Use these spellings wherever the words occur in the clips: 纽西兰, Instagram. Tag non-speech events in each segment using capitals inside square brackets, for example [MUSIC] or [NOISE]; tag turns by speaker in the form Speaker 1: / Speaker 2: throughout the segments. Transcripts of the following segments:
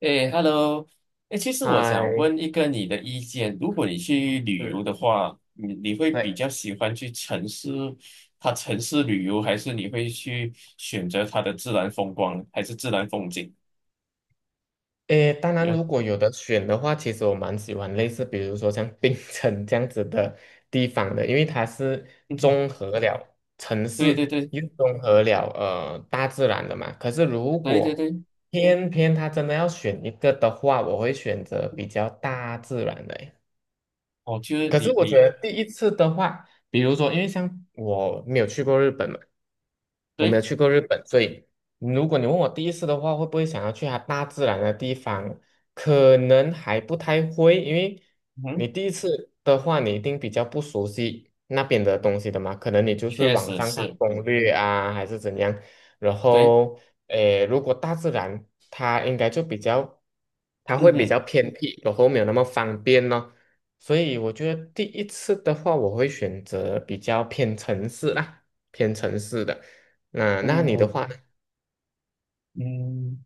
Speaker 1: 哎，Hello，哎，其实我想
Speaker 2: 嗨。
Speaker 1: 问一个你的意见，如果你去旅
Speaker 2: 嗯。
Speaker 1: 游的话，你会比
Speaker 2: 对。
Speaker 1: 较喜欢去城市，它城市旅游，还是你会去选择它的自然风光，还是自然风景？
Speaker 2: 诶，当然，
Speaker 1: 呀，
Speaker 2: 如果有的选的话，其实我蛮喜欢类似，比如说像槟城这样子的地方的，因为它是
Speaker 1: 嗯哼
Speaker 2: 综合了城
Speaker 1: 对对
Speaker 2: 市，
Speaker 1: 对
Speaker 2: 又综合了大自然的嘛。可是如
Speaker 1: 对对
Speaker 2: 果
Speaker 1: 对，
Speaker 2: 偏偏它真的要选一个的话，我会选择比较大自然的。
Speaker 1: 哦，就是
Speaker 2: 可是
Speaker 1: 你
Speaker 2: 我觉
Speaker 1: 你
Speaker 2: 得第一次的话，比如说，因为像我没有去过日本嘛，我没有
Speaker 1: 对，
Speaker 2: 去过日本，所以如果你问我第一次的话，会不会想要去它大自然的地方？可能还不太会，因为
Speaker 1: 嗯
Speaker 2: 你
Speaker 1: 哼，
Speaker 2: 第一次的话，你一定比较不熟悉那边的东西的嘛，可能你就是
Speaker 1: 确
Speaker 2: 网
Speaker 1: 实
Speaker 2: 上看
Speaker 1: 是，
Speaker 2: 攻略啊，还是怎样。然
Speaker 1: 对，
Speaker 2: 后，诶，如果大自然，它应该就比较，它
Speaker 1: 嗯
Speaker 2: 会比
Speaker 1: 哼，
Speaker 2: 较偏僻，然后没有那么方便咯。所以我觉得第一次的话，我会选择比较偏城市啦，偏城市的。那你的
Speaker 1: 嗯
Speaker 2: 话呢？
Speaker 1: 嗯，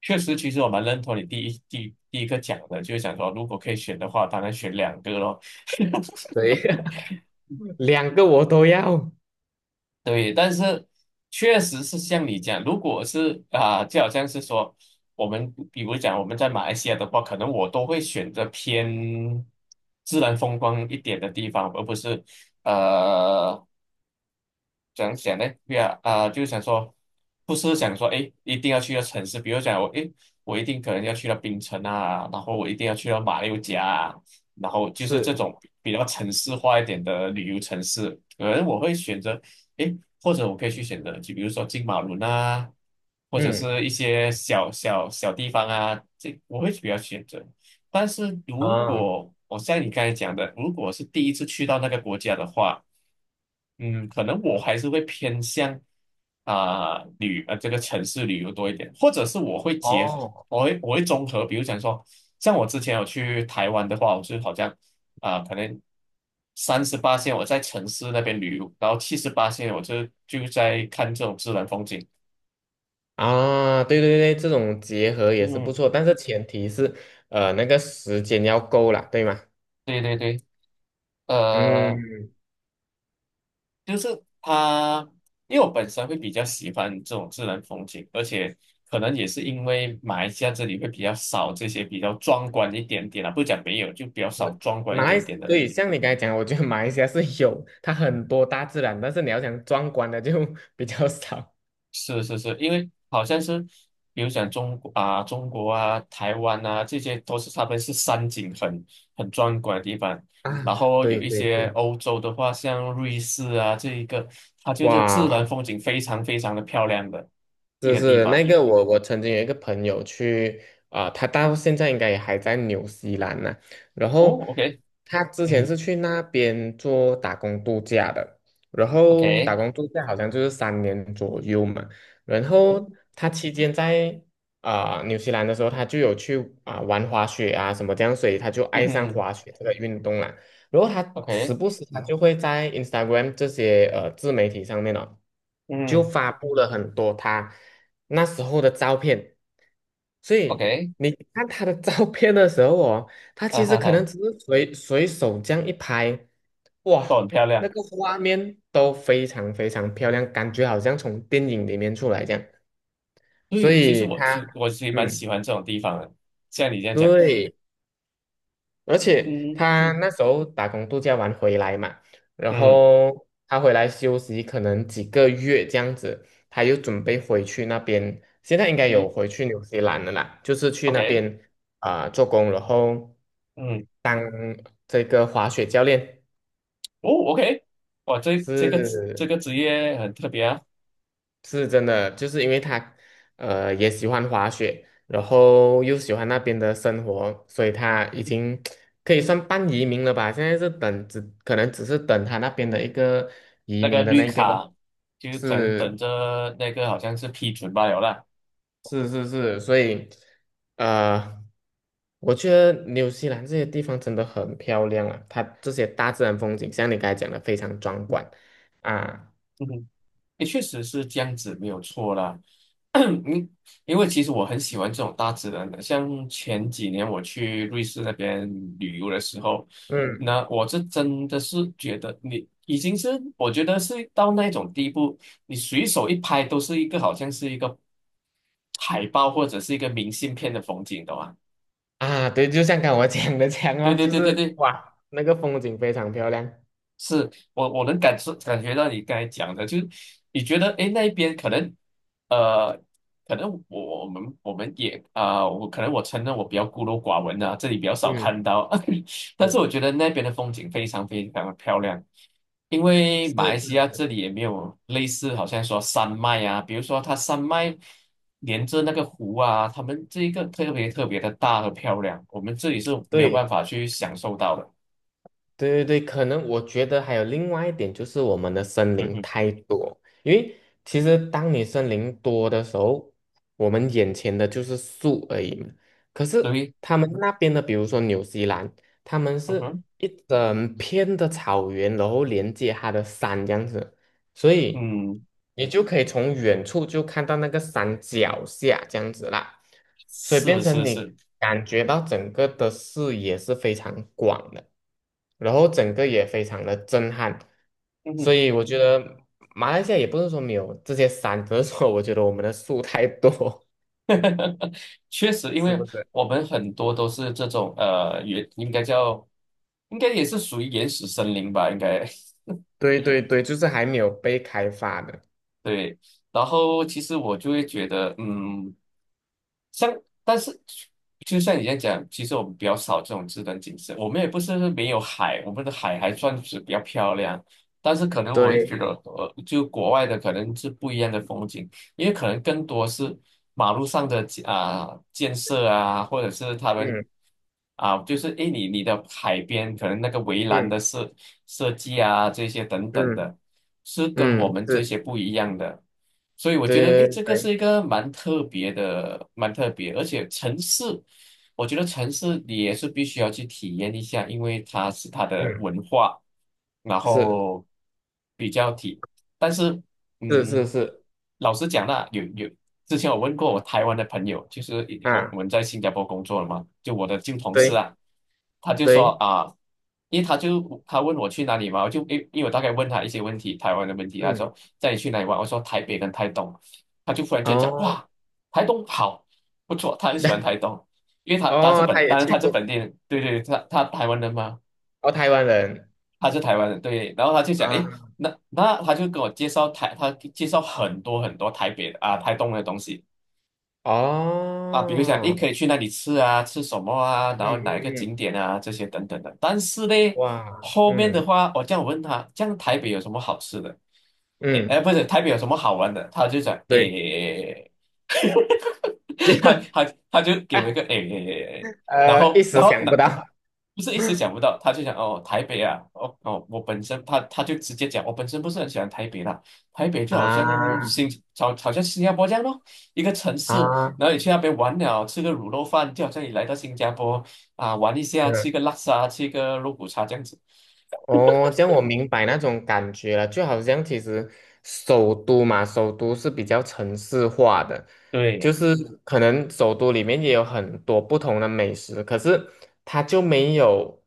Speaker 1: 确实，其实我蛮认同你第一个讲的，就是想说，如果可以选的话，当然选两个咯。
Speaker 2: 对，[LAUGHS] 两个我都要。
Speaker 1: 对，但是确实是像你讲，如果是啊、就好像是说，我们比如讲我们在马来西亚的话，可能我都会选择偏自然风光一点的地方，而不是呃怎样讲呢？不要啊、就是想说，不是想说，哎，一定要去到城市，比如讲我，哎，我一定可能要去到槟城啊，然后我一定要去到马六甲啊，然后就是这
Speaker 2: 是。
Speaker 1: 种比较城市化一点的旅游城市，可能我会选择，哎，或者我可以去选择，就比如说金马伦啊，或者是
Speaker 2: 嗯。
Speaker 1: 一些小小地方啊，这我会比较选择。但是如
Speaker 2: 啊。
Speaker 1: 果我像你刚才讲的，如果是第一次去到那个国家的话，嗯，可能我还是会偏向啊、这个城市旅游多一点，或者是我会结合，
Speaker 2: 哦。
Speaker 1: 我会综合，比如讲说，像我之前有去台湾的话，我是好像啊、可能38线我在城市那边旅游，然后78线我就在看这种自然风景。
Speaker 2: 啊，对对对，这种结合也是不
Speaker 1: 嗯，
Speaker 2: 错，但是前提是，那个时间要够啦，对吗？
Speaker 1: 对对对，
Speaker 2: 嗯。
Speaker 1: 呃。就是它，因为我本身会比较喜欢这种自然风景，而且可能也是因为马来西亚这里会比较少这些比较壮观一点点啊，不讲没有，就比较少
Speaker 2: 是
Speaker 1: 壮观一
Speaker 2: 马来，
Speaker 1: 点点的。
Speaker 2: 对，像你刚才讲，我觉得马来西亚是有它很多大自然，但是你要想壮观的就 [LAUGHS] 比较少。
Speaker 1: 是是是，因为好像是，比如讲中国啊、台湾啊，这些都是他们是山景很壮观的地方。
Speaker 2: 啊，
Speaker 1: 然后
Speaker 2: 对
Speaker 1: 有一
Speaker 2: 对
Speaker 1: 些
Speaker 2: 对。
Speaker 1: 欧洲的话，像瑞士啊这一个，它就是自然
Speaker 2: 哇，
Speaker 1: 风景非常非常的漂亮的一
Speaker 2: 就
Speaker 1: 个地
Speaker 2: 是
Speaker 1: 方。
Speaker 2: 那个我曾经有一个朋友去啊、他到现在应该也还在纽西兰呢、然
Speaker 1: 哦
Speaker 2: 后
Speaker 1: ，OK。
Speaker 2: 他之前
Speaker 1: 嗯。
Speaker 2: 是去那边做打工度假的，然后打
Speaker 1: OK，
Speaker 2: 工度假好像就是3年左右嘛。然后他期间在啊、纽西兰的时候，他就有去啊、玩滑雪啊什么这样，所以他就
Speaker 1: 嗯
Speaker 2: 爱
Speaker 1: 哼
Speaker 2: 上
Speaker 1: 哼
Speaker 2: 滑雪这个运动了。然后他时
Speaker 1: ，OK，
Speaker 2: 不时他就会在 Instagram 这些自媒体上面哦，就
Speaker 1: 嗯
Speaker 2: 发布了很多他那时候的照片，所以
Speaker 1: ，OK，
Speaker 2: 你看他的照片的时候哦，他
Speaker 1: 啊
Speaker 2: 其实
Speaker 1: 哈
Speaker 2: 可能
Speaker 1: 哈，
Speaker 2: 只是随随手这样一拍，
Speaker 1: 都很
Speaker 2: 哇，
Speaker 1: 漂
Speaker 2: 那
Speaker 1: 亮。
Speaker 2: 个画面都非常非常漂亮，感觉好像从电影里面出来这样，
Speaker 1: 所
Speaker 2: 所
Speaker 1: 以其实
Speaker 2: 以他
Speaker 1: 我其实蛮
Speaker 2: 嗯，
Speaker 1: 喜欢这种地方的，像你这样讲，
Speaker 2: 对。而且
Speaker 1: 嗯
Speaker 2: 他
Speaker 1: 嗯
Speaker 2: 那时候打工度假完回来嘛，然
Speaker 1: 嗯，
Speaker 2: 后他回来休息可能几个月这样子，他又准备回去那边，现在应该有
Speaker 1: 对
Speaker 2: 回去纽西兰了啦，就是去那
Speaker 1: ，OK，
Speaker 2: 边啊、做工，然后
Speaker 1: 嗯，
Speaker 2: 当这个滑雪教练，
Speaker 1: 哦，OK，哇，这个
Speaker 2: 是
Speaker 1: 职业很特别啊，
Speaker 2: 是真的，就是因为他，呃，也喜欢滑雪，然后又喜欢那边的生活，所以他已经可以算半移民了吧？现在是等只可能只是等他那边的一个移
Speaker 1: 那个
Speaker 2: 民的
Speaker 1: 绿
Speaker 2: 那个，
Speaker 1: 卡就可能等
Speaker 2: 是
Speaker 1: 着那个好像是批准罢了啦。
Speaker 2: 是是是，所以呃，我觉得纽西兰这些地方真的很漂亮啊，它这些大自然风景，像你刚才讲的非常壮观啊。
Speaker 1: 也确实是这样子，没有错啦。[COUGHS] [CLEARS THROAT] 嗯，因为其实我很喜欢这种大自然的，像前几年我去瑞士那边旅游的时候，
Speaker 2: 嗯。
Speaker 1: 那我是真的是觉得你已经是，我觉得是到那种地步，你随手一拍都是一个好像是一个海报或者是一个明信片的风景，懂吗？
Speaker 2: 啊，对，就像刚我讲的这样
Speaker 1: 对
Speaker 2: 哦，
Speaker 1: 对
Speaker 2: 就
Speaker 1: 对对
Speaker 2: 是
Speaker 1: 对，
Speaker 2: 哇，那个风景非常漂亮。
Speaker 1: 是我能感觉到你刚才讲的，就是你觉得诶那一边呃可能我们也啊、我可能我承认我比较孤陋寡闻啊，这里比较少
Speaker 2: 嗯，
Speaker 1: 看到，[LAUGHS] 但是
Speaker 2: 是
Speaker 1: 我觉得那边的风景非常非常的漂亮，因为马来西
Speaker 2: 是，
Speaker 1: 亚这里也没有类似好像说山脉啊，比如说它山脉连着那个湖啊，他们这一个特别特别的大和漂亮，我们这里是没有办
Speaker 2: 对
Speaker 1: 法去享受到的。
Speaker 2: 对对对，可能我觉得还有另外一点就是我们的森
Speaker 1: 嗯
Speaker 2: 林
Speaker 1: 哼，
Speaker 2: 太多，因为其实当你森林多的时候，我们眼前的就是树而已嘛。可是
Speaker 1: 对，
Speaker 2: 他们嗯那边的，比如说纽西兰，他们
Speaker 1: 嗯
Speaker 2: 是
Speaker 1: 哼。
Speaker 2: 一整片的草原，然后连接它的山这样子。所以
Speaker 1: 嗯，
Speaker 2: 你就可以从远处就看到那个山脚下这样子啦，所以变
Speaker 1: 是
Speaker 2: 成
Speaker 1: 是
Speaker 2: 你
Speaker 1: 是，
Speaker 2: 感觉到整个的视野是非常广的，然后整个也非常的震撼，所
Speaker 1: 嗯，
Speaker 2: 以我觉得马来西亚也不是说没有这些山，只是说我觉得我们的树太多。
Speaker 1: [LAUGHS] 确实，
Speaker 2: [LAUGHS]
Speaker 1: 因
Speaker 2: 是
Speaker 1: 为
Speaker 2: 不是？
Speaker 1: 我们很多都是这种应该叫，应该也是属于原始森林吧，应该
Speaker 2: 对对对，就是还没有被开发的。
Speaker 1: [LAUGHS] 对。然后其实我就会觉得，嗯。像，但是就像你这样讲，其实我们比较少这种自然景色，我们也不是没有海，我们的海还算是比较漂亮，但是可能我会觉
Speaker 2: 对。
Speaker 1: 得，就国外的可能是不一样的风景，因为可能更多是马路上的建设啊，或者是他们
Speaker 2: 嗯
Speaker 1: 啊，就是诶，你的海边可能那个围栏
Speaker 2: 嗯
Speaker 1: 的是。设计啊这些等等
Speaker 2: 嗯
Speaker 1: 的，是跟我
Speaker 2: 嗯。
Speaker 1: 们这
Speaker 2: 是。
Speaker 1: 些不一样的。所以我觉得，诶，
Speaker 2: 对对
Speaker 1: 这个是
Speaker 2: 对。
Speaker 1: 一个蛮特别的，蛮特别，而且城市，我觉得城市你也是必须要去体验一下，因为它是它的
Speaker 2: 嗯。
Speaker 1: 文化，然
Speaker 2: 是
Speaker 1: 后比较体，但是。
Speaker 2: 是是
Speaker 1: 嗯，
Speaker 2: 是
Speaker 1: 老实讲啦，之前我问过我台湾的朋友，就是一我我
Speaker 2: 啊。
Speaker 1: 们在新加坡工作了嘛，就我的旧同事
Speaker 2: 对
Speaker 1: 啊，他就说
Speaker 2: 对。
Speaker 1: 啊，因为他问我去哪里嘛，我就因为我大概问他一些问题，台湾的问题，他
Speaker 2: 嗯。
Speaker 1: 说带你去哪里玩，我说台北跟台东，他就忽然间讲
Speaker 2: 哦。
Speaker 1: 哇，台东好不错，他很
Speaker 2: [LAUGHS]
Speaker 1: 喜欢
Speaker 2: 对。
Speaker 1: 台东，因为他
Speaker 2: 哦，他也
Speaker 1: 当然
Speaker 2: 去
Speaker 1: 他是本
Speaker 2: 过。
Speaker 1: 地人，对对，他台湾人嘛，
Speaker 2: 哦，台湾人
Speaker 1: 他是台湾人，对，然后他就讲，诶，
Speaker 2: 啊。
Speaker 1: 那他就跟我介绍台，他介绍很多很多台北的啊、台东的东西啊，比如讲，诶，
Speaker 2: 哦。
Speaker 1: 可以去那里吃啊，吃什么啊，然
Speaker 2: 嗯
Speaker 1: 后哪一个
Speaker 2: 嗯
Speaker 1: 景
Speaker 2: 嗯。
Speaker 1: 点啊，这些等等的。但是呢，
Speaker 2: 哇。
Speaker 1: 后面的
Speaker 2: 嗯
Speaker 1: 话，我这样问他，这样台北有什么好吃的？诶，哎，
Speaker 2: 嗯。
Speaker 1: 不是，台北有什么好玩的？他就讲，
Speaker 2: 对。
Speaker 1: 诶。
Speaker 2: [LAUGHS] 这
Speaker 1: [LAUGHS] 他
Speaker 2: 个
Speaker 1: 他他就给我一个哎哎哎哎，然
Speaker 2: 一
Speaker 1: 后然
Speaker 2: 时
Speaker 1: 后
Speaker 2: 想不
Speaker 1: 那
Speaker 2: 到
Speaker 1: 不是一时想不到，他就讲哦台北啊，哦哦我本身他就直接讲我本身不是很喜欢台北啦，台北就好像
Speaker 2: 啊
Speaker 1: 新好像新加坡这样咯，一个城市，
Speaker 2: 啊。
Speaker 1: 然后你去那边玩了，吃个卤肉饭，就好像你来到新加坡啊玩一下，
Speaker 2: 嗯。
Speaker 1: 吃个拉沙，吃个肉骨茶这样子。
Speaker 2: 哦，这样我明白那种感觉了，就好像其实首都嘛，首都是比较城市化的，就
Speaker 1: 对，
Speaker 2: 是嗯可能首都里面也有很多不同的美食，可是它就没有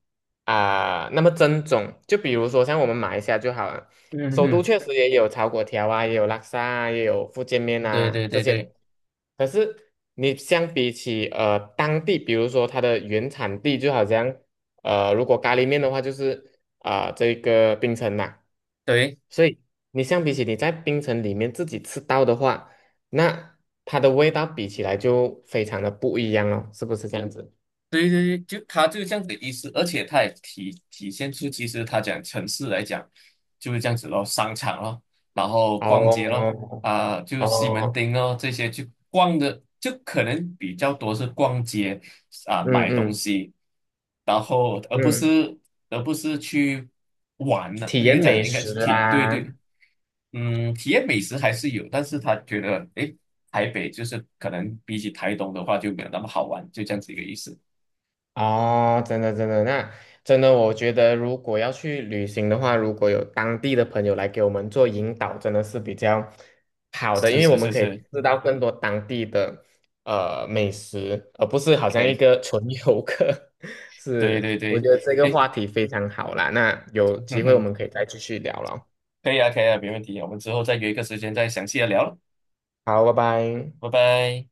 Speaker 2: 啊、那么正宗。就比如说像我们马来西亚就好了，
Speaker 1: 嗯
Speaker 2: 首都
Speaker 1: 嗯
Speaker 2: 确实也有炒果条啊，也有拉沙啊，也有福建面
Speaker 1: 对对
Speaker 2: 啊这
Speaker 1: 对
Speaker 2: 些
Speaker 1: 对
Speaker 2: 东西可是你相比起当地，比如说它的原产地，就好像。呃，如果咖喱面的话，就是啊、这个冰城嘛，
Speaker 1: 对，
Speaker 2: 所以你相比起你在冰城里面自己吃到的话，那它的味道比起来就非常的不一样了，是不是这样子？
Speaker 1: 对对对，就他就是这样子的意思，而且他也体现出，其实他讲城市来讲就是这样子咯，商场咯，然后逛街咯，
Speaker 2: 哦
Speaker 1: 啊、就是西门
Speaker 2: 哦。
Speaker 1: 町咯这些去逛的，就可能比较多是逛街啊、
Speaker 2: 嗯
Speaker 1: 买东
Speaker 2: 嗯
Speaker 1: 西，然后而不
Speaker 2: 嗯。
Speaker 1: 是而不是去玩了、
Speaker 2: 体
Speaker 1: 比
Speaker 2: 验
Speaker 1: 如讲
Speaker 2: 美
Speaker 1: 应该
Speaker 2: 食
Speaker 1: 是对对，
Speaker 2: 啦。
Speaker 1: 嗯，体验美食还是有，但是他觉得诶，台北就是可能比起台东的话就没有那么好玩，就这样子一个意思。
Speaker 2: 哦，真的真的，那真的，我觉得如果要去旅行的话，如果有当地的朋友来给我们做引导，真的是比较好的，因
Speaker 1: 是
Speaker 2: 为我
Speaker 1: 是
Speaker 2: 们
Speaker 1: 是
Speaker 2: 可以
Speaker 1: 是，
Speaker 2: 知道更多当地的美食，而不是好
Speaker 1: 可
Speaker 2: 像一
Speaker 1: 以，
Speaker 2: 个 [LAUGHS] 纯游客。[LAUGHS]
Speaker 1: 对
Speaker 2: 是，
Speaker 1: 对
Speaker 2: 我
Speaker 1: 对，
Speaker 2: 觉得这个
Speaker 1: 哎，
Speaker 2: 话题非常好啦，那有
Speaker 1: [LAUGHS] 哼
Speaker 2: 机会我
Speaker 1: 哼，
Speaker 2: 们可以再继续聊了。
Speaker 1: 可以啊，可以啊，没问题，我们之后再约一个时间再详细的聊了，
Speaker 2: 好，拜拜。
Speaker 1: 拜拜。